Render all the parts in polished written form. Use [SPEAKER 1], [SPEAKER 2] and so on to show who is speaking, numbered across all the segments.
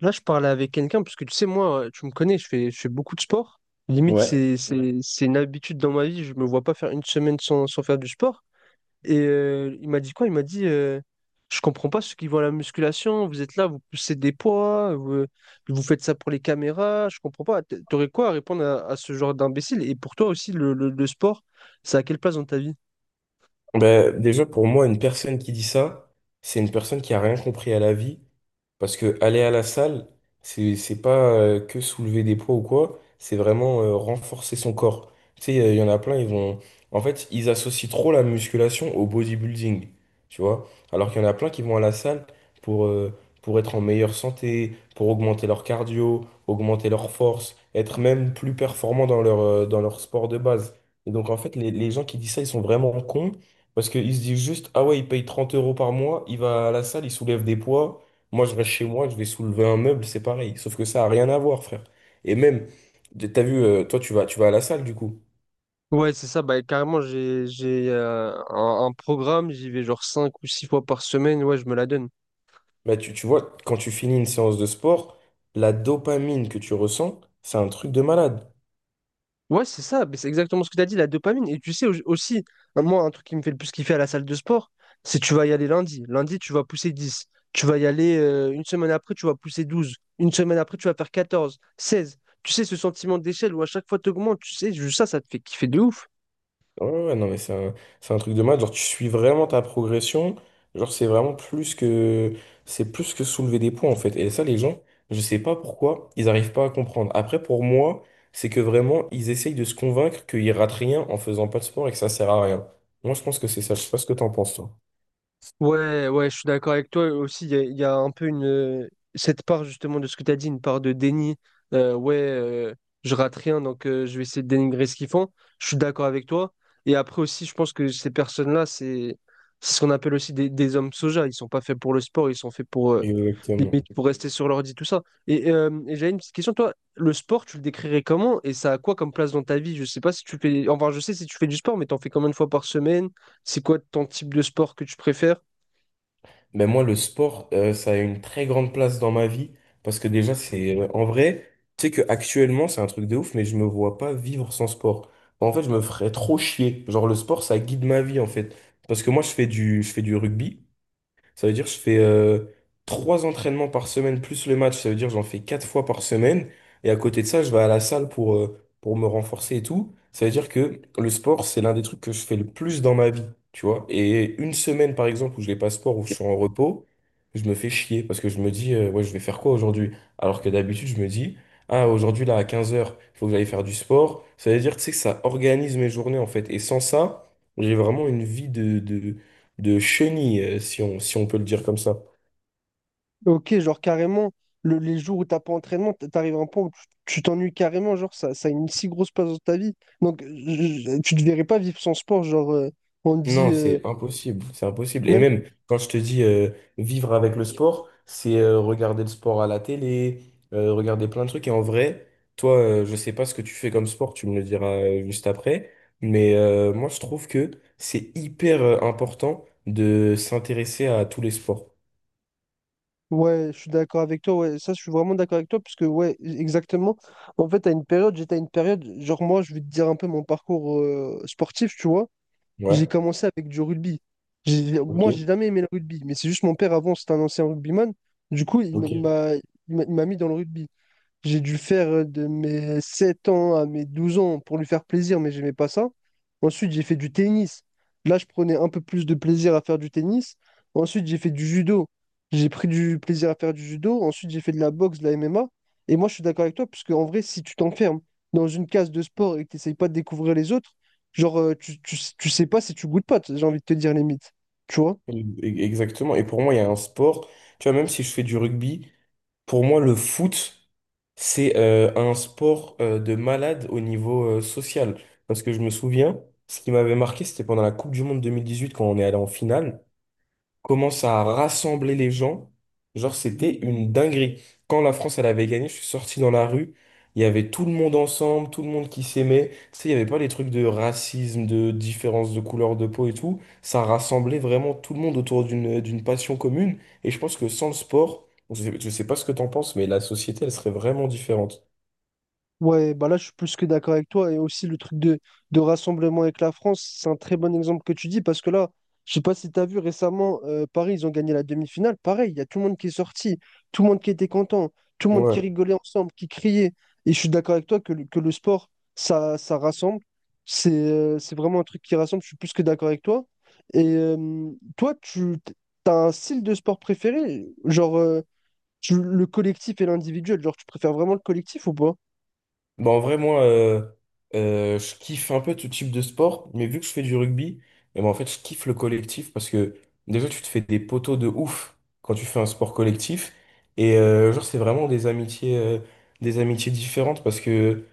[SPEAKER 1] Là, je parlais avec quelqu'un, parce que tu sais, moi, tu me connais, je fais beaucoup de sport. Limite,
[SPEAKER 2] Ouais.
[SPEAKER 1] c'est, Ouais, c'est une habitude dans ma vie, je me vois pas faire une semaine sans faire du sport. Et il m'a dit quoi? Il m'a dit, je comprends pas ceux qui vont à la musculation, vous êtes là, vous poussez des poids, vous, vous faites ça pour les caméras, je comprends pas. T'aurais quoi à répondre à ce genre d'imbécile? Et pour toi aussi, le sport, ça à quelle place dans ta vie?
[SPEAKER 2] Ben, déjà, pour moi, une personne qui dit ça, c'est une personne qui a rien compris à la vie. Parce que aller à la salle, c'est pas que soulever des poids ou quoi, c'est vraiment renforcer son corps. Tu sais, il y en a plein, ils vont. En fait, ils associent trop la musculation au bodybuilding, tu vois. Alors qu'il y en a plein qui vont à la salle pour, euh, pour être en meilleure santé, pour augmenter leur cardio, augmenter leur force, être même plus performants dans dans leur sport de base. Et donc, en fait, les gens qui disent ça, ils sont vraiment cons parce qu'ils se disent juste, ah ouais, il paye 30 euros par mois, il va à la salle, il soulève des poids. Moi, je reste chez moi, je vais soulever un meuble, c'est pareil. Sauf que ça a rien à voir, frère. Et même, t'as vu, toi, tu vas à la salle, du coup.
[SPEAKER 1] Ouais, c'est ça, bah carrément, j'ai un programme, j'y vais genre 5 ou 6 fois par semaine, ouais, je me la donne.
[SPEAKER 2] Bah, tu vois, quand tu finis une séance de sport, la dopamine que tu ressens, c'est un truc de malade.
[SPEAKER 1] Ouais, c'est ça, mais c'est exactement ce que tu as dit, la dopamine. Et tu sais aussi, moi, un truc qui me fait le plus kiffer à la salle de sport, c'est tu vas y aller lundi. Lundi, tu vas pousser 10. Tu vas y aller une semaine après, tu vas pousser 12. Une semaine après, tu vas faire 14, 16. Tu sais, ce sentiment d'échelle où à chaque fois tu augmentes, tu sais, juste ça, ça te fait kiffer de ouf.
[SPEAKER 2] Ouais, ouais, ouais, non, mais c'est un truc de malade. Genre, tu suis vraiment ta progression. Genre, c'est plus que soulever des poids, en fait. Et ça, les gens, je sais pas pourquoi, ils arrivent pas à comprendre. Après, pour moi, c'est que vraiment, ils essayent de se convaincre qu'ils ratent rien en faisant pas de sport et que ça sert à rien. Moi, je pense que c'est ça. Je sais pas ce que t'en penses, toi.
[SPEAKER 1] Ouais, ouais, je suis d'accord avec toi aussi. Il y a un peu une cette part justement de ce que tu as dit, une part de déni. Euh, ouais, euh, je rate rien, donc je vais essayer de dénigrer ce qu'ils font. Je suis d'accord avec toi. Et après aussi, je pense que ces personnes-là, c'est ce qu'on appelle aussi des hommes soja. Ils sont pas faits pour le sport, ils sont faits pour limite
[SPEAKER 2] Exactement.
[SPEAKER 1] pour rester sur l'ordi, tout ça. Et j'avais une petite question, toi, le sport, tu le décrirais comment et ça a quoi comme place dans ta vie? Je sais pas si tu fais, enfin, je sais si tu fais du sport, mais t'en fais combien de fois par semaine? C'est quoi ton type de sport que tu préfères?
[SPEAKER 2] Mais moi, le sport, ça a une très grande place dans ma vie parce que déjà, c'est en vrai, tu sais que actuellement, c'est un truc de ouf, mais je me vois pas vivre sans sport. En fait, je me ferais trop chier. Genre, le sport, ça guide ma vie en fait. Parce que moi, je fais du rugby. Ça veut dire que je fais trois entraînements par semaine plus le match. Ça veut dire que j'en fais quatre fois par semaine. Et à côté de ça, je vais à la salle pour me renforcer et tout. Ça veut dire que le sport, c'est l'un des trucs que je fais le plus dans ma vie, tu vois. Et une semaine, par exemple, où je n'ai pas sport, où je suis en repos, je me fais chier parce que je me dis, ouais, je vais faire quoi aujourd'hui? Alors que d'habitude, je me dis, ah, aujourd'hui, là, à 15 h il faut que j'aille faire du sport. Ça veut dire, tu sais, que ça organise mes journées, en fait. Et sans ça, j'ai vraiment une vie de chenille, si on peut le dire comme ça.
[SPEAKER 1] Ok, genre carrément, les jours où t'as pas entraînement, t'arrives à un point où tu t'ennuies carrément, genre ça, ça a une si grosse place dans ta vie. Donc tu ne verrais pas vivre sans sport, genre on te dit
[SPEAKER 2] Non, c'est impossible, c'est impossible. Et
[SPEAKER 1] même
[SPEAKER 2] même quand je te dis vivre avec le sport, c'est regarder le sport à la télé, regarder plein de trucs. Et en vrai, toi, je sais pas ce que tu fais comme sport, tu me le diras juste après. Mais moi, je trouve que c'est hyper important de s'intéresser à tous les sports.
[SPEAKER 1] ouais, je suis d'accord avec toi, ouais, ça je suis vraiment d'accord avec toi, parce que ouais, exactement. En fait, à une période, j'étais à une période, genre moi, je vais te dire un peu mon parcours sportif, tu vois. J'ai
[SPEAKER 2] Ouais,
[SPEAKER 1] commencé avec du rugby.
[SPEAKER 2] ok,
[SPEAKER 1] Moi, j'ai jamais aimé le rugby, mais c'est juste mon père avant, c'était un ancien rugbyman. Du coup,
[SPEAKER 2] ok.
[SPEAKER 1] il m'a mis dans le rugby. J'ai dû faire de mes 7 ans à mes 12 ans pour lui faire plaisir, mais j'aimais pas ça. Ensuite, j'ai fait du tennis. Là, je prenais un peu plus de plaisir à faire du tennis. Ensuite, j'ai fait du judo. J'ai pris du plaisir à faire du judo. Ensuite, j'ai fait de la boxe, de la MMA. Et moi, je suis d'accord avec toi, parce qu'en vrai, si tu t'enfermes dans une case de sport et que tu n'essayes pas de découvrir les autres, genre, tu sais pas si tu goûtes pas, j'ai envie de te dire limite. Tu vois?
[SPEAKER 2] E- Exactement. Et pour moi, il y a un sport, tu vois, même si je fais du rugby. Pour moi, le foot, c'est un sport de malade au niveau social. Parce que je me souviens, ce qui m'avait marqué, c'était pendant la Coupe du Monde 2018 quand on est allé en finale commence à rassembler les gens. Genre, c'était une dinguerie. Quand la France, elle avait gagné, je suis sorti dans la rue. Il y avait tout le monde ensemble, tout le monde qui s'aimait. Tu sais, il n'y avait pas les trucs de racisme, de différence de couleur de peau et tout. Ça rassemblait vraiment tout le monde autour d'une passion commune. Et je pense que sans le sport, je sais pas ce que t'en penses, mais la société, elle serait vraiment différente.
[SPEAKER 1] Ouais, bah là, je suis plus que d'accord avec toi. Et aussi, le truc de rassemblement avec la France, c'est un très bon exemple que tu dis parce que là, je sais pas si tu as vu récemment, Paris, ils ont gagné la demi-finale. Pareil, il y a tout le monde qui est sorti, tout le monde qui était content, tout le monde qui
[SPEAKER 2] Ouais.
[SPEAKER 1] rigolait ensemble, qui criait. Et je suis d'accord avec toi que le sport, ça rassemble. C'est vraiment un truc qui rassemble. Je suis plus que d'accord avec toi. Et toi, tu as un style de sport préféré? Genre, le collectif et l'individuel? Genre, tu préfères vraiment le collectif ou pas?
[SPEAKER 2] Bah, en vrai, moi, je kiffe un peu tout type de sport, mais vu que je fais du rugby, et ben en fait, je kiffe le collectif parce que déjà, tu te fais des poteaux de ouf quand tu fais un sport collectif. Et genre, c'est vraiment des amitiés différentes parce que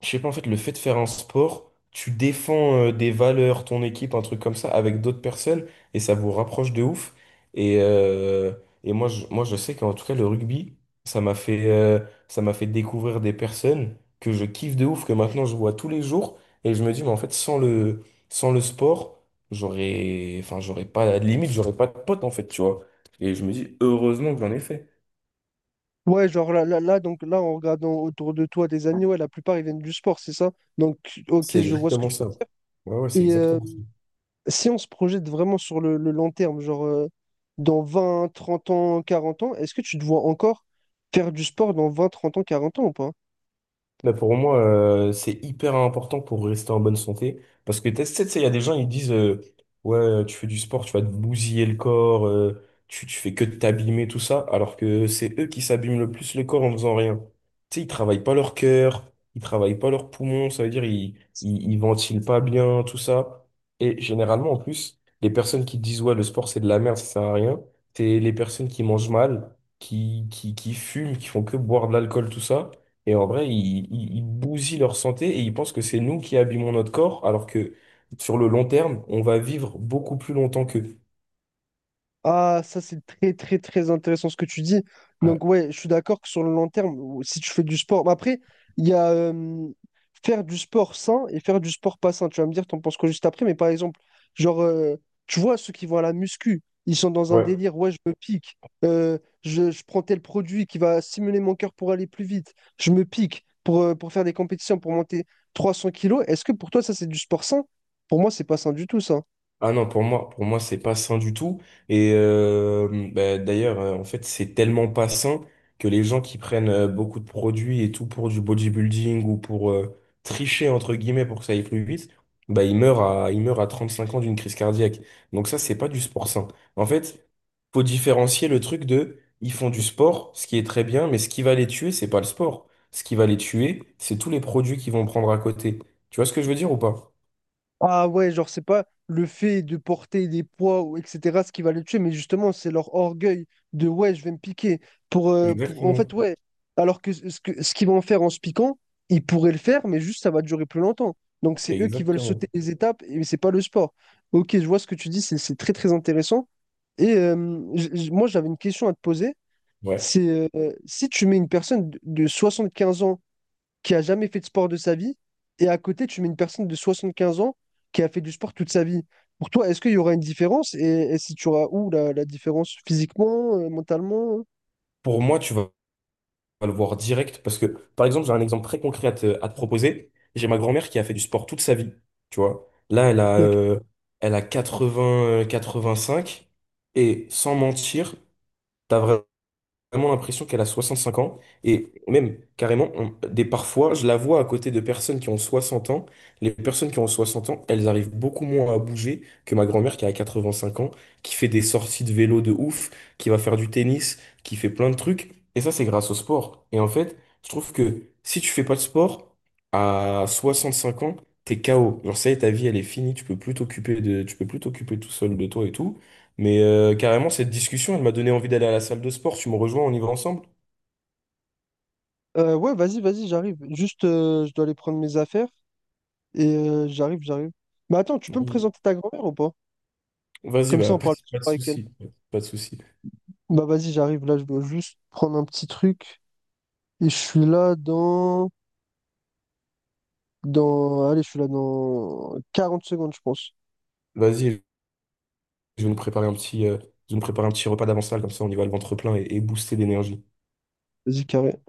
[SPEAKER 2] je sais pas, en fait, le fait de faire un sport, tu défends des valeurs, ton équipe, un truc comme ça, avec d'autres personnes, et ça vous rapproche de ouf. Et, euh, et moi, moi, je sais qu'en tout cas, le rugby, ça m'a fait, euh, ça m'a fait découvrir des personnes que je kiffe de ouf, que maintenant je vois tous les jours, et je me dis, mais en fait, sans le sport, enfin, j'aurais pas, limite, j'aurais pas de potes, en fait, tu vois. Et je me dis, heureusement que j'en ai fait.
[SPEAKER 1] Ouais, genre donc là, en regardant autour de toi des amis, ouais, la plupart ils viennent du sport, c'est ça? Donc, ok,
[SPEAKER 2] C'est
[SPEAKER 1] je vois ce que
[SPEAKER 2] exactement
[SPEAKER 1] tu.
[SPEAKER 2] ça. Ouais, ouais, c'est
[SPEAKER 1] Et
[SPEAKER 2] exactement ça.
[SPEAKER 1] si on se projette vraiment sur le long terme, genre dans vingt, trente ans, quarante ans, est-ce que tu te vois encore faire du sport dans 20, 30 ans, 40 ans ou pas?
[SPEAKER 2] Mais pour moi, c'est hyper important pour rester en bonne santé. Parce que tu sais, il y a des gens, ils disent ouais, tu fais du sport, tu vas te bousiller le corps, tu fais que de t'abîmer, tout ça. Alors que c'est eux qui s'abîment le plus le corps en faisant rien. Tu sais, ils travaillent pas leur cœur, ils travaillent pas leurs poumons, ça veut dire ils ventilent pas bien, tout ça. Et généralement, en plus, les personnes qui disent ouais, le sport, c'est de la merde, ça sert à rien, c'est les personnes qui mangent mal, qui fument, qui font que boire de l'alcool, tout ça. Et en vrai, ils bousillent leur santé et ils pensent que c'est nous qui abîmons notre corps, alors que sur le long terme, on va vivre beaucoup plus longtemps qu'eux.
[SPEAKER 1] Ah, ça c'est très très très intéressant ce que tu dis.
[SPEAKER 2] Ouais.
[SPEAKER 1] Donc ouais, je suis d'accord que sur le long terme, si tu fais du sport, mais après, il y a faire du sport sain et faire du sport pas sain. Tu vas me dire, t'en penses quoi juste après, mais par exemple, genre, tu vois, ceux qui vont à la muscu, ils sont dans un
[SPEAKER 2] Ouais.
[SPEAKER 1] délire, ouais, je me pique, euh, je prends tel produit qui va stimuler mon cœur pour aller plus vite, je me pique pour faire des compétitions, pour monter 300 kilos. Est-ce que pour toi ça c'est du sport sain? Pour moi, c'est pas sain du tout ça.
[SPEAKER 2] Ah non, pour moi, c'est pas sain du tout. Et bah, d'ailleurs, en fait, c'est tellement pas sain que les gens qui prennent beaucoup de produits et tout pour du bodybuilding ou pour tricher, entre guillemets, pour que ça aille plus vite, bah, ils meurent à 35 ans d'une crise cardiaque. Donc ça, c'est pas du sport sain. En fait, faut différencier le truc de, ils font du sport, ce qui est très bien, mais ce qui va les tuer, c'est pas le sport. Ce qui va les tuer, c'est tous les produits qu'ils vont prendre à côté. Tu vois ce que je veux dire ou pas?
[SPEAKER 1] Ah ouais, genre, c'est pas le fait de porter des poids, ou etc., ce qui va le tuer, mais justement, c'est leur orgueil de ouais, je vais me piquer. Pour... En fait,
[SPEAKER 2] Exactement.
[SPEAKER 1] ouais. Alors que ce qu'ils vont faire en se piquant, ils pourraient le faire, mais juste ça va durer plus longtemps. Donc, c'est eux qui veulent sauter
[SPEAKER 2] Exactement.
[SPEAKER 1] les étapes, et c'est pas le sport. Ok, je vois ce que tu dis, c'est très très intéressant. Et moi, j'avais une question à te poser.
[SPEAKER 2] Ouais.
[SPEAKER 1] C'est si tu mets une personne de 75 ans qui a jamais fait de sport de sa vie, et à côté, tu mets une personne de 75 ans qui a fait du sport toute sa vie. Pour toi, est-ce qu'il y aura une différence? Et si tu auras où la différence physiquement, mentalement?
[SPEAKER 2] Pour moi, tu vas le voir direct parce que, par exemple, j'ai un exemple très concret à te proposer. J'ai ma grand-mère qui a fait du sport toute sa vie, tu vois. Là, elle a,
[SPEAKER 1] Donc,
[SPEAKER 2] euh, elle a 80, cinq et sans mentir, t'as vraiment l'impression qu'elle a 65 ans. Et même, carrément, des parfois, je la vois à côté de personnes qui ont 60 ans. Les personnes qui ont 60 ans, elles arrivent beaucoup moins à bouger que ma grand-mère qui a 85 ans, qui fait des sorties de vélo de ouf, qui va faire du tennis, qui fait plein de trucs. Et ça, c'est grâce au sport. Et en fait, je trouve que si tu fais pas de sport, à 65 ans, t'es KO. Genre, ça y est, ta vie, elle est finie, tu peux plus t'occuper tout seul de toi et tout. Mais carrément, cette discussion, elle m'a donné envie d'aller à la salle de sport. Tu me rejoins, on y va ensemble?
[SPEAKER 1] ouais, vas-y, vas-y, j'arrive. Juste, je dois aller prendre mes affaires et j'arrive. Mais attends, tu peux me
[SPEAKER 2] Vas-y,
[SPEAKER 1] présenter ta grand-mère ou pas?
[SPEAKER 2] Vas-y,
[SPEAKER 1] Comme ça,
[SPEAKER 2] bah,
[SPEAKER 1] on
[SPEAKER 2] pas de,
[SPEAKER 1] parle plus
[SPEAKER 2] pas de
[SPEAKER 1] avec elle.
[SPEAKER 2] souci. Pas de souci.
[SPEAKER 1] Bah vas-y, j'arrive. Là, je dois juste prendre un petit truc et je suis là dans... dans... Allez, je suis là dans 40 secondes, je pense.
[SPEAKER 2] Vas-y, je vais nous préparer je vais nous préparer un petit repas d'avant-salle, comme ça on y va le ventre plein et booster d'énergie.
[SPEAKER 1] Vas-y, carré.